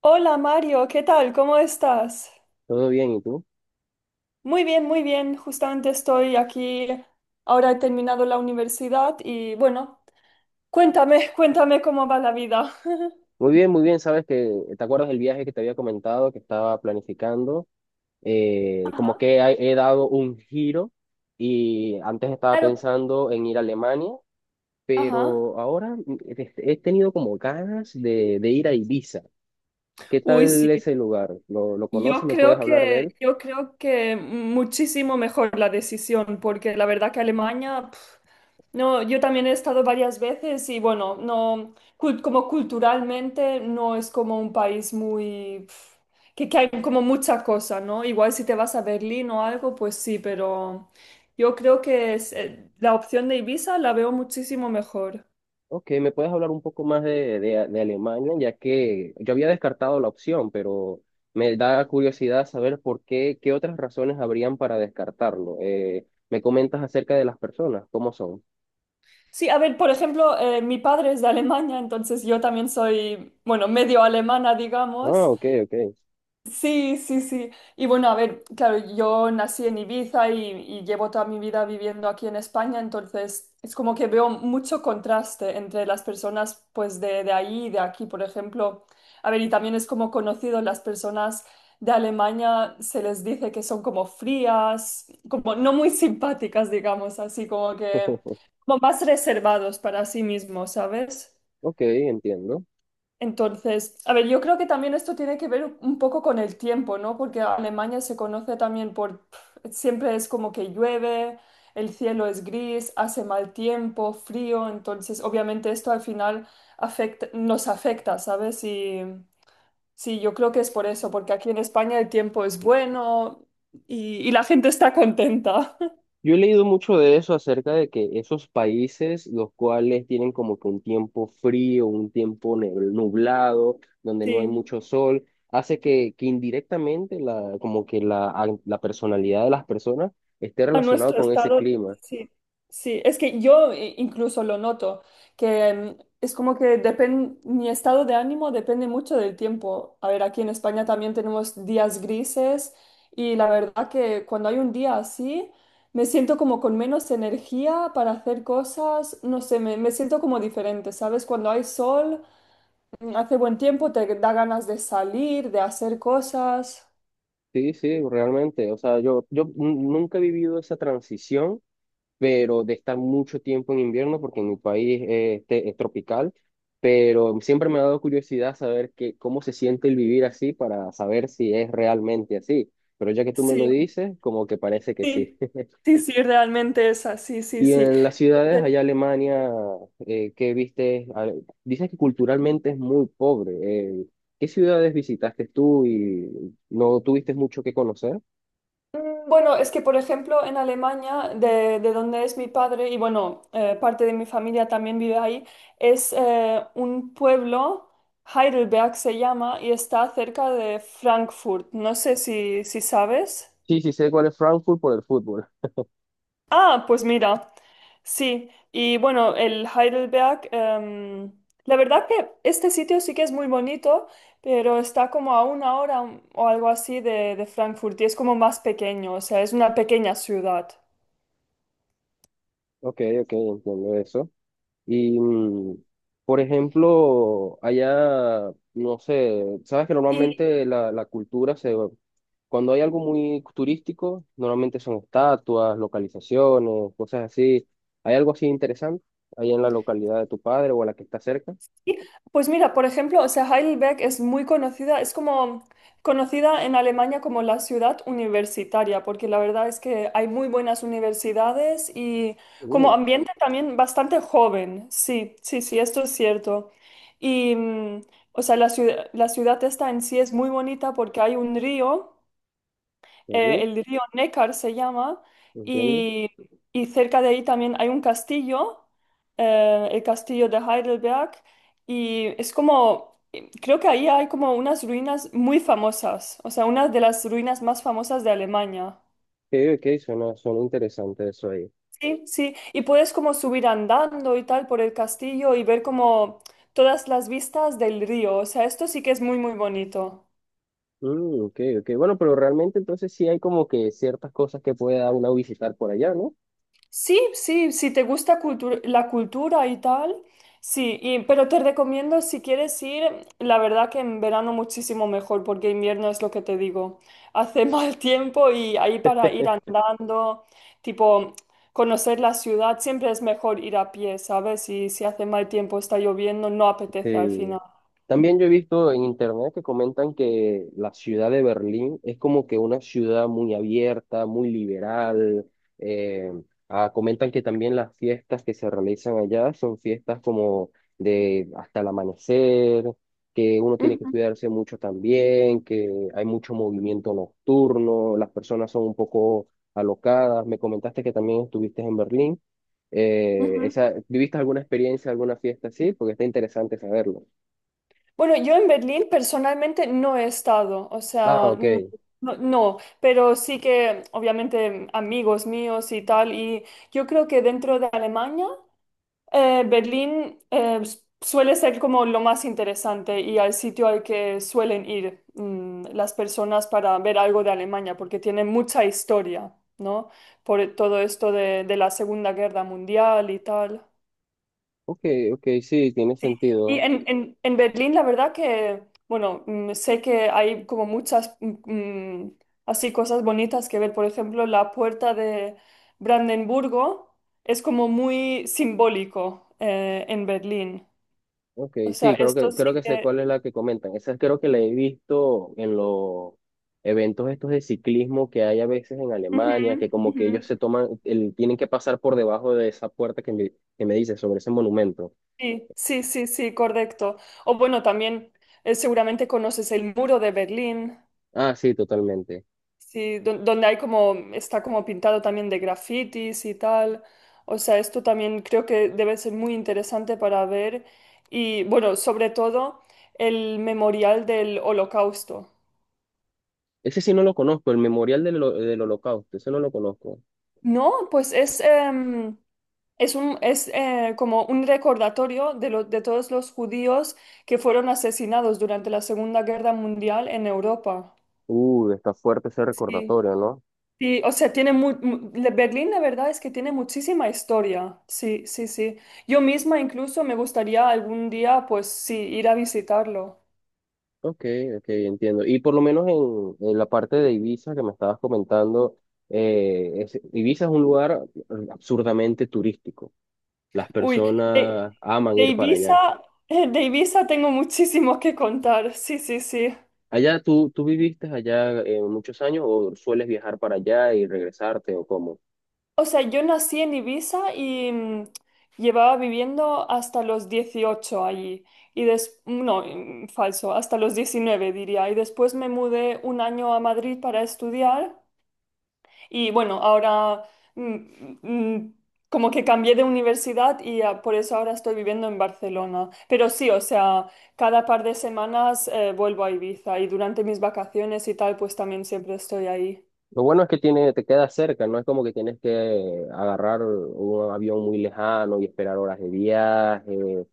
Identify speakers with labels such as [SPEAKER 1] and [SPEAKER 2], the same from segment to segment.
[SPEAKER 1] Hola Mario, ¿qué tal? ¿Cómo estás?
[SPEAKER 2] Todo bien, ¿y tú?
[SPEAKER 1] Muy bien, muy bien. Justamente estoy aquí. Ahora he terminado la universidad y bueno, cuéntame, cuéntame cómo va la vida.
[SPEAKER 2] Muy bien, muy bien. Sabes que, ¿te acuerdas del viaje que te había comentado que estaba planificando? Eh, como
[SPEAKER 1] Ajá.
[SPEAKER 2] que he, he dado un giro y antes estaba
[SPEAKER 1] Claro.
[SPEAKER 2] pensando en ir a Alemania,
[SPEAKER 1] Ajá.
[SPEAKER 2] pero ahora he tenido como ganas de ir a Ibiza. ¿Qué
[SPEAKER 1] Uy, sí.
[SPEAKER 2] tal ese lugar? ¿Lo conoces?
[SPEAKER 1] Yo
[SPEAKER 2] ¿Me puedes
[SPEAKER 1] creo
[SPEAKER 2] hablar de
[SPEAKER 1] que,
[SPEAKER 2] él?
[SPEAKER 1] yo creo que muchísimo mejor la decisión, porque la verdad que Alemania, pf, no, yo también he estado varias veces y bueno, no, como culturalmente no es como un país muy, pf, que hay como mucha cosa, ¿no? Igual si te vas a Berlín o algo, pues sí, pero yo creo que es, la opción de Ibiza la veo muchísimo mejor.
[SPEAKER 2] Ok, ¿me puedes hablar un poco más de Alemania? Ya que yo había descartado la opción, pero me da curiosidad saber por qué, qué otras razones habrían para descartarlo. ¿Me comentas acerca de las personas? ¿Cómo son?
[SPEAKER 1] Sí, a ver, por ejemplo, mi padre es de Alemania, entonces yo también soy, bueno, medio alemana,
[SPEAKER 2] Ah,
[SPEAKER 1] digamos.
[SPEAKER 2] ok, ok.
[SPEAKER 1] Sí, sí, sí. Y bueno, a ver, claro, yo nací en Ibiza y llevo toda mi vida viviendo aquí en España, entonces es como que veo mucho contraste entre las personas pues de ahí y de aquí, por ejemplo. A ver, y también es como conocido, las personas de Alemania se les dice que son como frías, como no muy simpáticas, digamos, así como que como más reservados para sí mismos, ¿sabes?
[SPEAKER 2] Ok, entiendo.
[SPEAKER 1] Entonces, a ver, yo creo que también esto tiene que ver un poco con el tiempo, ¿no? Porque Alemania se conoce también por, pf, siempre es como que llueve, el cielo es gris, hace mal tiempo, frío, entonces obviamente esto al final afecta, nos afecta, ¿sabes? Y sí, yo creo que es por eso, porque aquí en España el tiempo es bueno y la gente está contenta.
[SPEAKER 2] Yo he leído mucho de eso acerca de que esos países, los cuales tienen como que un tiempo frío, un nublado, donde no hay
[SPEAKER 1] Sí.
[SPEAKER 2] mucho sol, hace que indirectamente la, como que la personalidad de las personas esté
[SPEAKER 1] A
[SPEAKER 2] relacionada
[SPEAKER 1] nuestro
[SPEAKER 2] con ese
[SPEAKER 1] estado,
[SPEAKER 2] clima.
[SPEAKER 1] sí, sí, es que yo incluso lo noto, que es como que depende, mi estado de ánimo depende mucho del tiempo. A ver, aquí en España también tenemos días grises y la verdad que cuando hay un día así, me siento como con menos energía para hacer cosas, no sé, me siento como diferente, ¿sabes? Cuando hay sol, hace buen tiempo, te da ganas de salir, de hacer cosas.
[SPEAKER 2] Sí, sí, realmente. O sea, nunca he vivido esa transición pero de estar mucho tiempo en invierno porque en mi país es tropical, pero siempre me ha dado curiosidad saber que, cómo se siente el vivir así para saber si es realmente así. Pero ya que tú me lo
[SPEAKER 1] Sí,
[SPEAKER 2] dices, como que parece que sí.
[SPEAKER 1] sí, sí, sí, realmente es así, sí,
[SPEAKER 2] Y
[SPEAKER 1] sí.
[SPEAKER 2] en las ciudades allá en Alemania, ¿qué viste? Ah, dices que culturalmente es muy pobre. ¿Qué ciudades visitaste tú y no tuviste mucho que conocer?
[SPEAKER 1] Bueno, es que por ejemplo en Alemania, de donde es mi padre y bueno, parte de mi familia también vive ahí, es un pueblo, Heidelberg se llama, y está cerca de Frankfurt. No sé si, si sabes.
[SPEAKER 2] Sí, sí sé cuál es Frankfurt por el fútbol.
[SPEAKER 1] Ah, pues mira, sí. Y bueno, el Heidelberg, la verdad que este sitio sí que es muy bonito, pero está como a una hora o algo así de Frankfurt y es como más pequeño, o sea, es una pequeña ciudad.
[SPEAKER 2] Ok, ok, entiendo eso. Y, mm, por ejemplo, allá, no sé, sabes que normalmente la cultura se... Cuando hay algo muy turístico, normalmente son estatuas, localizaciones, cosas así. ¿Hay algo así interesante ahí en la localidad de tu padre o a la que está cerca?
[SPEAKER 1] Sí. Pues mira, por ejemplo, o sea, Heidelberg es muy conocida, es como conocida en Alemania como la ciudad universitaria, porque la verdad es que hay muy buenas universidades y
[SPEAKER 2] Uh,
[SPEAKER 1] como ambiente también bastante joven. Sí, sí, sí, esto es cierto. Y, o sea, la ciudad esta en sí es muy bonita porque hay un río
[SPEAKER 2] sí,
[SPEAKER 1] el río Neckar se llama,
[SPEAKER 2] entiendo.
[SPEAKER 1] y, y cerca de ahí también hay un castillo, el castillo de Heidelberg, y es como, creo que ahí hay como unas ruinas muy famosas, o sea, una de las ruinas más famosas de Alemania.
[SPEAKER 2] Ok, ok, suena, suena interesante eso ahí.
[SPEAKER 1] Sí, sí, y puedes como subir andando y tal por el castillo y ver como todas las vistas del río, o sea, esto sí que es muy, muy bonito.
[SPEAKER 2] Mm, ok, ok. Bueno, pero realmente entonces sí hay como que ciertas cosas que pueda uno visitar por allá, ¿no?
[SPEAKER 1] Sí, sí, si te gusta la cultura y tal, sí, y- pero te recomiendo si quieres ir, la verdad que en verano muchísimo mejor, porque invierno es lo que te digo, hace mal tiempo y ahí para ir andando, tipo conocer la ciudad, siempre es mejor ir a pie, ¿sabes? Y si hace mal tiempo, está lloviendo, no apetece al
[SPEAKER 2] Sí.
[SPEAKER 1] final.
[SPEAKER 2] También yo he visto en internet que comentan que la ciudad de Berlín es como que una ciudad muy abierta, muy liberal. eh, Comentan que también las fiestas que se realizan allá son fiestas como de hasta el amanecer, que uno tiene que
[SPEAKER 1] Ujú,
[SPEAKER 2] cuidarse mucho también, que hay mucho movimiento nocturno, las personas son un poco alocadas. Me comentaste que también estuviste en Berlín.
[SPEAKER 1] ujú.
[SPEAKER 2] ¿Viviste alguna experiencia, alguna fiesta así? Porque está interesante saberlo.
[SPEAKER 1] Bueno, yo en Berlín personalmente no he estado, o
[SPEAKER 2] Ah,
[SPEAKER 1] sea,
[SPEAKER 2] ok.
[SPEAKER 1] no, no, no, pero sí que obviamente amigos míos y tal, y yo creo que dentro de Alemania, Berlín suele ser como lo más interesante y al sitio al que suelen ir las personas para ver algo de Alemania, porque tiene mucha historia, ¿no? Por todo esto de la Segunda Guerra Mundial y tal.
[SPEAKER 2] Ok, ok, sí, tiene
[SPEAKER 1] Y
[SPEAKER 2] sentido.
[SPEAKER 1] en Berlín, la verdad que, bueno, sé que hay como muchas así cosas bonitas que ver. Por ejemplo, la puerta de Brandenburgo es como muy simbólico en Berlín.
[SPEAKER 2] Ok,
[SPEAKER 1] O sea,
[SPEAKER 2] sí,
[SPEAKER 1] esto
[SPEAKER 2] creo
[SPEAKER 1] sí
[SPEAKER 2] que sé
[SPEAKER 1] que...
[SPEAKER 2] cuál es la que comentan. Esa creo que la he visto en los eventos estos de ciclismo que hay a veces en
[SPEAKER 1] Ujú,
[SPEAKER 2] Alemania, que como que
[SPEAKER 1] ujú.
[SPEAKER 2] ellos se toman, tienen que pasar por debajo de esa puerta que me dice sobre ese monumento.
[SPEAKER 1] Sí, sí, sí, sí, correcto. O bueno, también seguramente conoces el muro de Berlín.
[SPEAKER 2] Ah, sí, totalmente.
[SPEAKER 1] Sí, donde hay como, está como pintado también de grafitis y tal. O sea, esto también creo que debe ser muy interesante para ver. Y bueno, sobre todo el memorial del Holocausto.
[SPEAKER 2] Ese sí no lo conozco, el Memorial del Holocausto, ese no lo conozco.
[SPEAKER 1] No, pues es, es un, es como un recordatorio de, de todos los judíos que fueron asesinados durante la Segunda Guerra Mundial en Europa.
[SPEAKER 2] Está fuerte ese
[SPEAKER 1] Sí.
[SPEAKER 2] recordatorio.
[SPEAKER 1] Sí, o sea, tiene la- Berlín, la verdad es que tiene muchísima historia. Sí, sí, sí. Yo misma incluso me gustaría algún día, pues sí, ir a visitarlo.
[SPEAKER 2] Ok, ok, entiendo. Y por lo menos en la parte de Ibiza que me estabas comentando, Ibiza es un lugar absurdamente turístico. Las
[SPEAKER 1] Uy,
[SPEAKER 2] personas aman
[SPEAKER 1] de
[SPEAKER 2] ir para
[SPEAKER 1] Ibiza,
[SPEAKER 2] allá.
[SPEAKER 1] de Ibiza tengo muchísimo que contar. Sí, sí, sí.
[SPEAKER 2] Allá, ¿tú viviste allá muchos años o sueles viajar para allá y regresarte o cómo?
[SPEAKER 1] O sea, yo nací en Ibiza y llevaba viviendo hasta los 18 allí. Y des no, falso, hasta los 19 diría. Y después me mudé un año a Madrid para estudiar. Y bueno, ahora mm, mm, como que cambié de universidad y por eso ahora estoy viviendo en Barcelona. Pero sí, o sea, cada par de semanas vuelvo a Ibiza y durante mis vacaciones y tal, pues también siempre estoy ahí.
[SPEAKER 2] Lo bueno es que tiene, te queda cerca, no es como que tienes que agarrar un avión muy lejano y esperar horas de viaje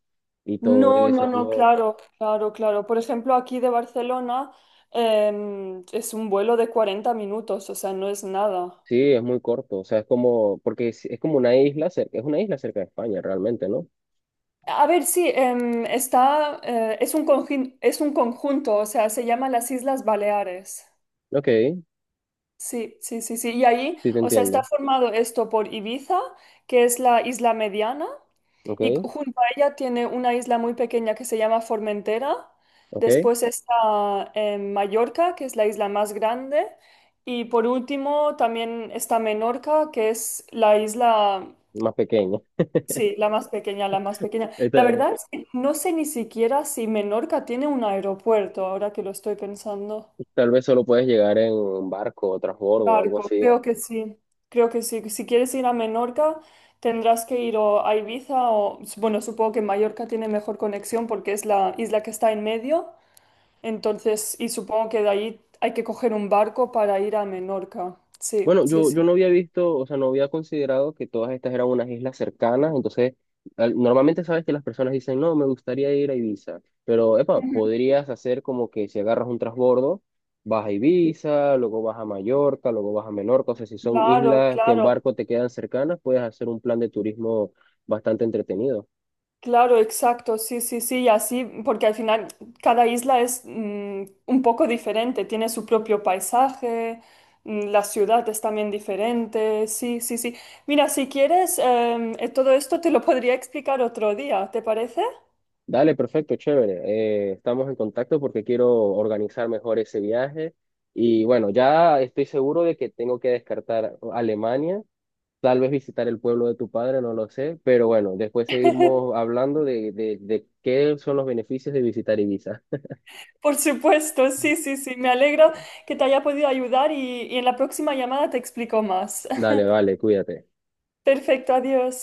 [SPEAKER 2] y todo
[SPEAKER 1] No, no,
[SPEAKER 2] eso,
[SPEAKER 1] no,
[SPEAKER 2] ¿no?
[SPEAKER 1] claro, claro, claro. Por ejemplo, aquí de Barcelona es un vuelo de 40 minutos, o sea, no es nada.
[SPEAKER 2] Sí, es muy corto, o sea, es como, porque es como una isla cerca, es una isla cerca de España realmente, ¿no?
[SPEAKER 1] A ver, sí, está, es un conjunto, o sea, se llama las Islas Baleares.
[SPEAKER 2] Ok, sí
[SPEAKER 1] Sí, sí, sí, sí. Y ahí,
[SPEAKER 2] te
[SPEAKER 1] o sea, está
[SPEAKER 2] entiendo,
[SPEAKER 1] formado esto por Ibiza, que es la isla mediana,
[SPEAKER 2] ok,
[SPEAKER 1] y junto a ella tiene una isla muy pequeña que se llama Formentera.
[SPEAKER 2] ok,
[SPEAKER 1] Después está Mallorca, que es la isla más grande. Y por último también está Menorca, que es la isla,
[SPEAKER 2] más pequeña.
[SPEAKER 1] sí, la más pequeña, la más pequeña.
[SPEAKER 2] Esta-
[SPEAKER 1] La
[SPEAKER 2] eh,
[SPEAKER 1] verdad es que no sé ni siquiera si Menorca tiene un aeropuerto, ahora que lo estoy pensando.
[SPEAKER 2] Tal vez solo puedes llegar en un barco o transbordo o algo
[SPEAKER 1] Marco,
[SPEAKER 2] así.
[SPEAKER 1] creo que sí, creo que sí. Si quieres ir a Menorca, tendrás que ir o a Ibiza o, bueno, supongo que Mallorca tiene mejor conexión porque es la isla que está en medio, entonces, y supongo que de ahí hay que coger un barco para ir a Menorca. Sí,
[SPEAKER 2] Bueno,
[SPEAKER 1] sí, sí.
[SPEAKER 2] yo no había visto, o sea, no había considerado que todas estas eran unas islas cercanas, entonces normalmente sabes que las personas dicen, no, me gustaría ir a Ibiza, pero, epa,
[SPEAKER 1] Ujú.
[SPEAKER 2] podrías hacer como que si agarras un transbordo, vas a Ibiza, luego vas a Mallorca, luego vas a Menorca, o sea, si son
[SPEAKER 1] Claro,
[SPEAKER 2] islas que en
[SPEAKER 1] claro.
[SPEAKER 2] barco te quedan cercanas, puedes hacer un plan de turismo bastante entretenido.
[SPEAKER 1] Claro, exacto, sí, sí, sí, y así, porque al final cada isla es un poco diferente, tiene su propio paisaje, la ciudad es también diferente, sí, sí, sí. Mira, si quieres, todo esto te lo podría explicar otro día, ¿te parece?
[SPEAKER 2] Dale, perfecto, chévere, estamos en contacto porque quiero organizar mejor ese viaje. Y bueno, ya estoy seguro de que tengo que descartar Alemania. Tal vez visitar el pueblo de tu padre, no lo sé, pero bueno, después seguimos hablando de qué son los beneficios de visitar Ibiza.
[SPEAKER 1] Por supuesto, sí, sí, sí, me alegro que te haya podido ayudar y en la próxima llamada te explico más.
[SPEAKER 2] Dale, vale, cuídate.
[SPEAKER 1] Perfecto, adiós.